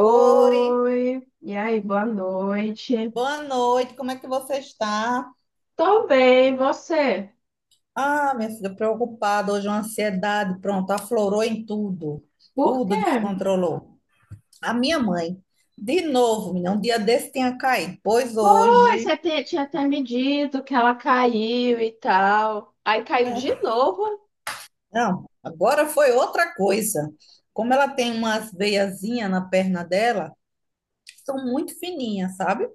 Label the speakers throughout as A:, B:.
A: Oi,
B: e aí, boa noite.
A: boa noite, como é que você está?
B: Tô bem, e você?
A: Ah, minha filha, preocupada, hoje uma ansiedade, pronto, aflorou em tudo,
B: Por
A: tudo
B: quê?
A: descontrolou. A minha mãe, de novo, menina, um dia desse tinha caído, pois
B: Pois,
A: hoje,
B: tinha até me dito que ela caiu e tal. Aí caiu
A: né?
B: de novo?
A: Não, agora foi outra coisa. Como ela tem umas veiazinhas na perna dela, são muito fininhas, sabe?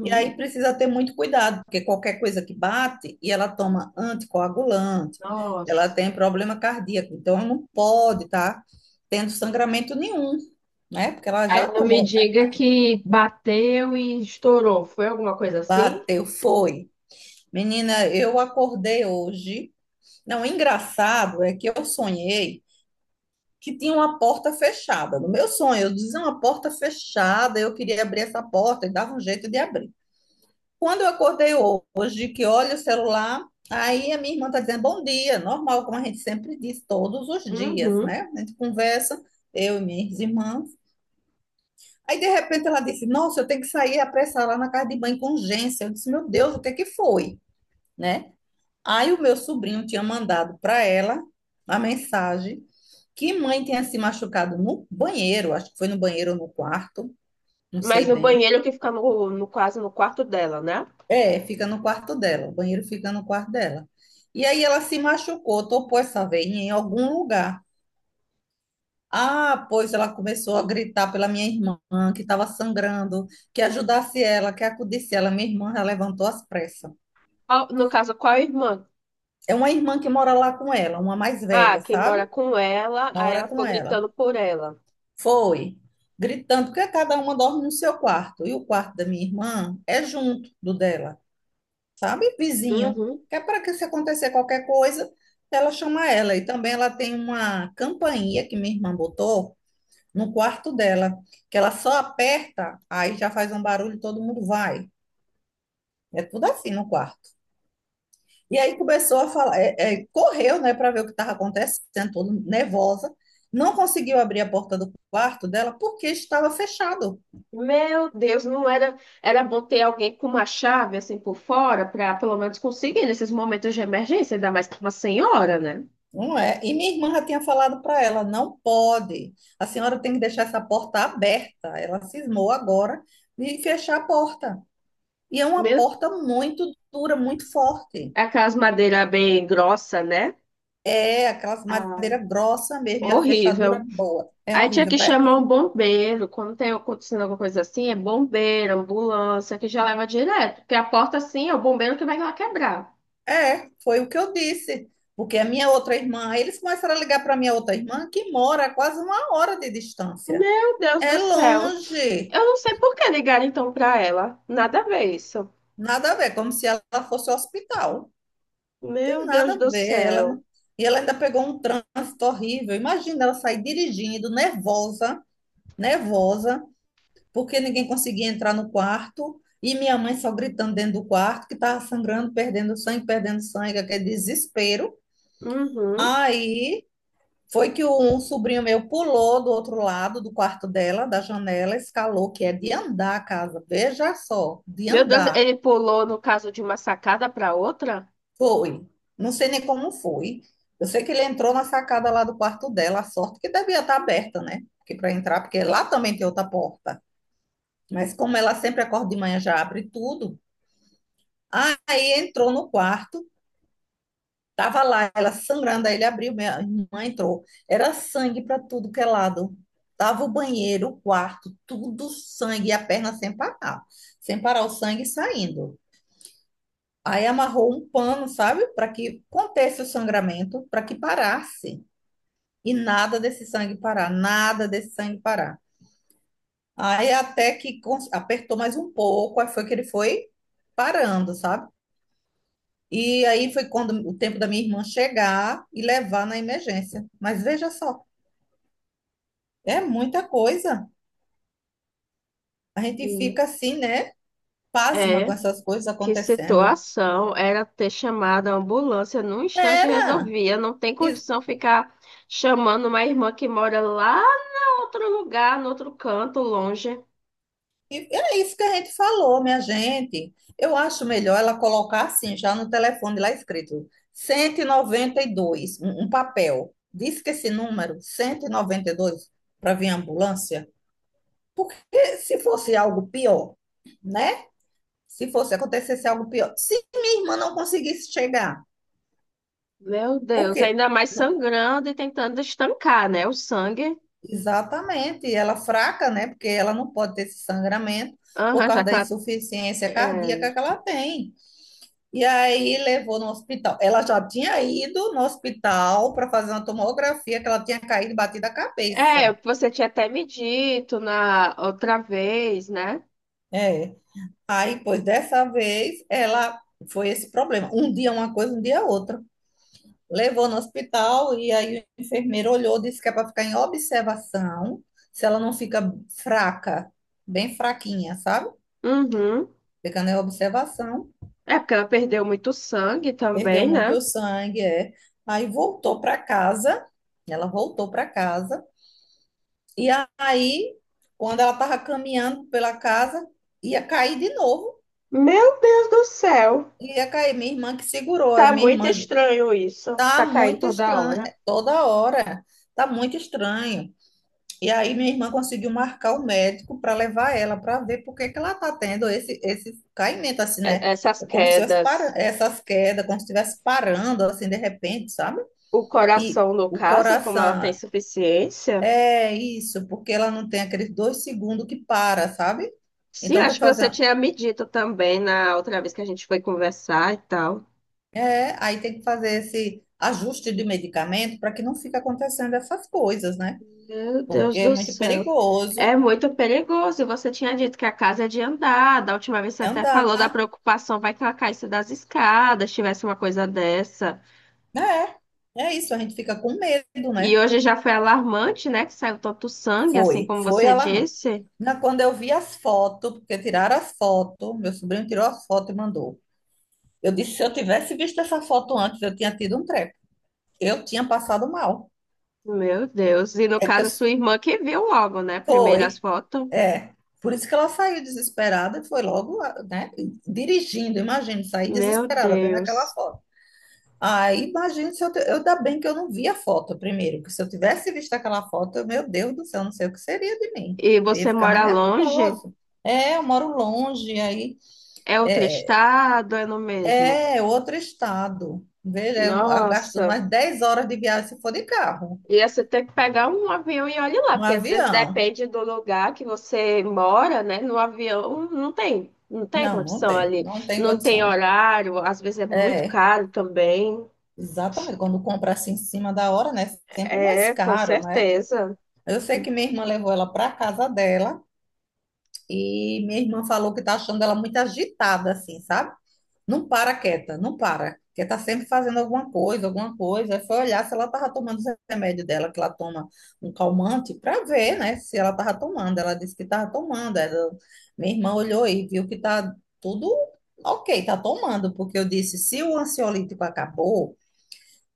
A: E aí precisa ter muito cuidado, porque qualquer coisa que bate e ela toma anticoagulante, ela
B: Nossa.
A: tem problema cardíaco, então ela não pode estar tendo sangramento nenhum, né? Porque ela já
B: Aí não me
A: tomou,
B: diga que bateu e estourou. Foi alguma coisa assim?
A: bateu, foi. Menina, eu acordei hoje. Não, o engraçado é que eu sonhei que tinha uma porta fechada. No meu sonho, eu dizia uma porta fechada, eu queria abrir essa porta e dava um jeito de abrir. Quando eu acordei hoje, que olho o celular, aí a minha irmã está dizendo bom dia, normal, como a gente sempre diz, todos os dias,
B: Uhum.
A: né? A gente conversa, eu e minhas irmãs. Aí, de repente, ela disse: Nossa, eu tenho que sair apressar lá na casa de banho com urgência. Eu disse: Meu Deus, o que é que foi, né? Aí, o meu sobrinho tinha mandado para ela a mensagem que mãe tinha se machucado no banheiro, acho que foi no banheiro ou no quarto, não
B: Mas
A: sei
B: no
A: bem.
B: banheiro que fica quase no quarto dela, né?
A: É, fica no quarto dela, o banheiro fica no quarto dela. E aí ela se machucou, topou essa veinha em algum lugar. Ah, pois ela começou a gritar pela minha irmã, que estava sangrando, que ajudasse ela, que acudisse ela. Minha irmã já levantou às pressas.
B: No caso, qual irmã?
A: É uma irmã que mora lá com ela, uma mais
B: Ah,
A: velha,
B: quem
A: sabe?
B: mora com ela, aí
A: Mora
B: ela ficou
A: com ela.
B: gritando por ela.
A: Foi, gritando, porque cada uma dorme no seu quarto. E o quarto da minha irmã é junto do dela. Sabe? Vizinho.
B: Uhum.
A: Que é para que se acontecer qualquer coisa, ela chama ela. E também ela tem uma campainha que minha irmã botou no quarto dela, que ela só aperta, aí já faz um barulho, e todo mundo vai. É tudo assim no quarto. E aí começou a falar, correu, né, para ver o que estava acontecendo, toda nervosa. Não conseguiu abrir a porta do quarto dela porque estava fechado.
B: Meu Deus, não era. Era bom ter alguém com uma chave assim por fora, para pelo menos conseguir nesses momentos de emergência, ainda mais que uma senhora, né?
A: Não é? E minha irmã já tinha falado para ela, não pode. A senhora tem que deixar essa porta aberta. Ela cismou agora de fechar a porta. E é uma
B: Meu,
A: porta muito dura, muito forte.
B: aquelas madeiras bem grossa, né?
A: É aquelas
B: Ah,
A: madeira grossa mesmo, e a fechadura
B: horrível.
A: boa. É
B: Aí tinha
A: horrível
B: que
A: para ela.
B: chamar um bombeiro. Quando tem acontecendo alguma coisa assim, é bombeiro, ambulância, que já leva direto. Porque a porta assim é o bombeiro que vai lá quebrar.
A: É, foi o que eu disse. Porque a minha outra irmã, eles começaram a ligar para a minha outra irmã, que mora a quase uma hora de distância.
B: Meu Deus do
A: É
B: céu.
A: longe.
B: Eu não sei por que ligaram então pra ela. Nada a ver isso.
A: Nada a ver, como se ela fosse ao hospital.
B: Meu
A: Nada
B: Deus
A: a
B: do
A: ver. Ela
B: céu.
A: não- E ela ainda pegou um trânsito horrível. Imagina ela sair dirigindo, nervosa, nervosa, porque ninguém conseguia entrar no quarto. E minha mãe só gritando dentro do quarto, que estava sangrando, perdendo sangue, aquele desespero.
B: Uhum.
A: Aí foi que um sobrinho meu pulou do outro lado do quarto dela, da janela, escalou, que é de andar a casa. Veja só, de
B: Meu Deus,
A: andar.
B: ele pulou no caso de uma sacada pra outra?
A: Foi. Não sei nem como foi. Eu sei que ele entrou na sacada lá do quarto dela, a sorte que devia estar aberta, né? Porque para entrar, porque lá também tem outra porta. Mas como ela sempre acorda de manhã, já abre tudo. Aí entrou no quarto, tava lá, ela sangrando, aí ele abriu, minha irmã entrou. Era sangue para tudo que é lado. Tava o banheiro, o quarto, tudo sangue, e a perna sem parar. Sem parar o sangue saindo. Aí amarrou um pano, sabe? Para que contesse o sangramento, para que parasse. E nada desse sangue parar, nada desse sangue parar. Aí até que cons- apertou mais um pouco, aí foi que ele foi parando, sabe? E aí foi quando o tempo da minha irmã chegar e levar na emergência. Mas veja só, é muita coisa. A gente fica
B: Uhum.
A: assim, né? Pasma com
B: É.
A: essas coisas
B: Que
A: acontecendo.
B: situação. Era ter chamado a ambulância. Num instante
A: Era!
B: resolvia. Não tem condição ficar chamando uma irmã que mora lá no outro lugar, no outro canto, longe.
A: E é isso que a gente falou, minha gente. Eu acho melhor ela colocar assim, já no telefone lá escrito 192, um papel. Diz que esse número, cento e noventa e dois para vir ambulância, porque se fosse algo pior, né? Se fosse acontecesse algo pior, se minha irmã não conseguisse chegar,
B: Meu Deus,
A: porque
B: ainda mais
A: não-
B: sangrando e tentando estancar, né? O sangue.
A: exatamente, ela fraca, né? Porque ela não pode ter esse sangramento por
B: Aham, já
A: causa
B: que
A: da
B: ela.
A: insuficiência
B: É.
A: cardíaca que ela tem. E aí levou no hospital. Ela já tinha ido no hospital para fazer uma tomografia, que ela tinha caído e batido a cabeça.
B: É, você tinha até me dito na outra vez, né?
A: É. Aí, pois dessa vez, ela foi esse problema. Um dia uma coisa, um dia outra. Levou no hospital e aí o enfermeiro olhou, disse que é para ficar em observação, se ela não fica fraca, bem fraquinha, sabe?
B: Uhum.
A: Ficando em observação,
B: É porque ela perdeu muito sangue
A: perdeu
B: também,
A: muito
B: né?
A: sangue, é. Aí voltou para casa, ela voltou para casa. E aí, quando ela estava caminhando pela casa, ia cair de novo.
B: Meu Deus do céu.
A: Ia cair. Minha irmã que segurou. Aí
B: Tá
A: minha
B: muito
A: irmã,
B: estranho isso.
A: tá
B: Ficar caindo
A: muito
B: toda
A: estranho.
B: hora.
A: Toda hora, tá muito estranho. E aí minha irmã conseguiu marcar o médico para levar ela para ver por que que ela tá tendo esse caimento, assim, né?
B: Essas
A: É como se tivesse para-
B: quedas.
A: essas quedas, como se estivesse parando, assim, de repente, sabe?
B: O
A: E
B: coração, no
A: o
B: caso, como ela tem
A: coração
B: insuficiência.
A: é isso, porque ela não tem aqueles 2 segundos que para, sabe?
B: Sim,
A: Então tem
B: acho
A: que
B: que você
A: fazer.
B: tinha me dito também na outra vez que a gente foi conversar e tal.
A: É, aí tem que fazer esse ajuste de medicamento para que não fique acontecendo essas coisas, né?
B: Meu Deus
A: Porque é
B: do
A: muito
B: céu.
A: perigoso
B: É muito perigoso. E você tinha dito que a casa é de andar. Da última vez você até
A: andar.
B: falou da preocupação, vai que ela caísse das escadas, tivesse uma coisa dessa.
A: É, é isso, a gente fica com medo,
B: E
A: né?
B: hoje já foi alarmante, né? Que saiu tanto sangue, assim
A: Foi,
B: como
A: foi
B: você
A: alarmante.
B: disse.
A: Na- Quando eu vi as fotos, porque tiraram as fotos, meu sobrinho tirou as fotos e mandou. Eu disse, se eu tivesse visto essa foto antes, eu tinha tido um treco. Eu tinha passado mal.
B: Meu Deus. E no
A: É que
B: caso,
A: eu...
B: a sua irmã que viu logo, né? Primeiro as
A: Foi.
B: fotos.
A: É, por isso que ela saiu desesperada e foi logo, né, dirigindo, imagina, sair
B: Meu
A: desesperada vendo aquela
B: Deus.
A: foto. Aí, imagina se eu, te- eu ainda bem que eu não vi a foto primeiro, porque se eu tivesse visto aquela foto, eu, meu Deus do céu, não sei o que seria de mim.
B: E
A: Eu ia
B: você
A: ficar mais
B: mora longe?
A: nervosa. É, eu moro longe, aí
B: É outro
A: é,
B: estado? É no mesmo?
A: é outro estado. Veja, eu gasto
B: Nossa.
A: mais 10 horas de viagem se for de carro,
B: Ia você ter que pegar um avião e olhe lá,
A: um
B: porque às vezes
A: avião.
B: depende do lugar que você mora, né? No avião não tem
A: Não, não
B: condição
A: tem,
B: ali,
A: não tem
B: não tem
A: condições.
B: horário, às vezes é muito
A: É.
B: caro também.
A: Exatamente, quando compra assim em cima da hora, né? Sempre mais
B: É, com
A: caro, né?
B: certeza.
A: Eu sei que minha irmã levou ela para casa dela e minha irmã falou que tá achando ela muito agitada, assim, sabe? Não para quieta, não para. Porque tá sempre fazendo alguma coisa, alguma coisa. Aí foi olhar se ela tava tomando os remédios dela, que ela toma um calmante, para ver, né? Se ela tava tomando. Ela disse que tava tomando. Ela- Minha irmã olhou e viu que tá tudo ok, tá tomando. Porque eu disse, se o ansiolítico acabou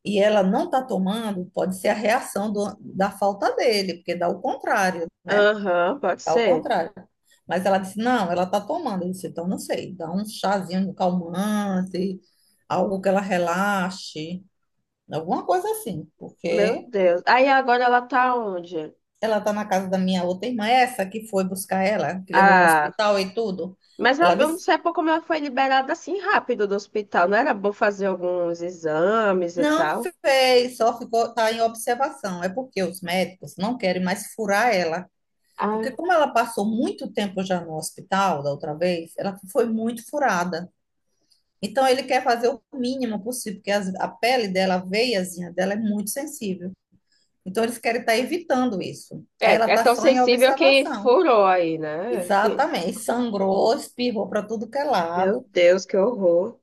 A: e ela não está tomando, pode ser a reação da falta dele, porque dá o contrário, né?
B: Aham, pode
A: Dá o
B: ser.
A: contrário. Mas ela disse, não, ela está tomando. Eu disse, então não sei, dá um chazinho calmante, algo que ela relaxe, alguma coisa assim,
B: Meu
A: porque
B: Deus. Aí agora ela tá onde?
A: ela está na casa da minha outra irmã, essa que foi buscar ela, que levou no
B: Ah,
A: hospital e tudo. Ela
B: eu não
A: disse,
B: sei por como ela foi liberada assim rápido do hospital. Não era bom fazer alguns exames e
A: não
B: tal?
A: fez, só ficou, tá em observação. É porque os médicos não querem mais furar ela. Porque
B: Ah,
A: como ela passou muito tempo já no hospital da outra vez, ela foi muito furada. Então ele quer fazer o mínimo possível, porque a pele dela, a veiazinha dela é muito sensível. Então eles querem estar evitando isso. Aí
B: é,
A: ela
B: é
A: está
B: tão
A: só em
B: sensível que
A: observação.
B: furou aí, né?
A: Exatamente. Sangrou, espirrou para tudo que é
B: Meu
A: lado.
B: Deus, que horror.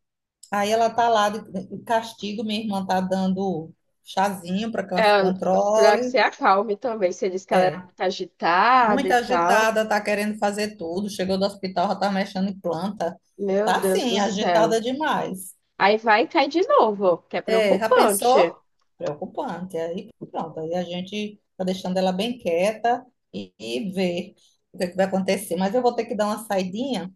A: Aí ela está lá de castigo, minha irmã está dando chazinho para que ela se
B: É, pra que se
A: controle.
B: acalme também. Você disse que ela era
A: É.
B: muito agitada
A: Muito
B: e tal.
A: agitada, tá querendo fazer tudo. Chegou do hospital, já tá mexendo em planta.
B: Meu
A: Tá
B: Deus do
A: sim,
B: céu.
A: agitada demais.
B: Aí vai e cai de novo, que é
A: É, já
B: preocupante.
A: pensou? Preocupante. Aí pronto, aí a gente tá deixando ela bem quieta e ver o que é que vai acontecer. Mas eu vou ter que dar uma saidinha,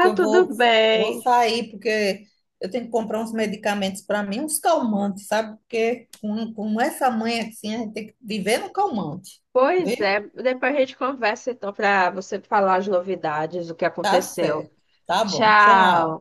A: que eu
B: tudo
A: vou
B: bem.
A: sair, porque eu tenho que comprar uns medicamentos para mim, uns calmantes, sabe? Porque com essa mãe assim, a gente tem que viver no calmante,
B: Pois é,
A: viu?
B: depois a gente conversa então para você falar as novidades, o que
A: Tá
B: aconteceu.
A: certo. Tá bom,
B: Tchau.
A: tchau.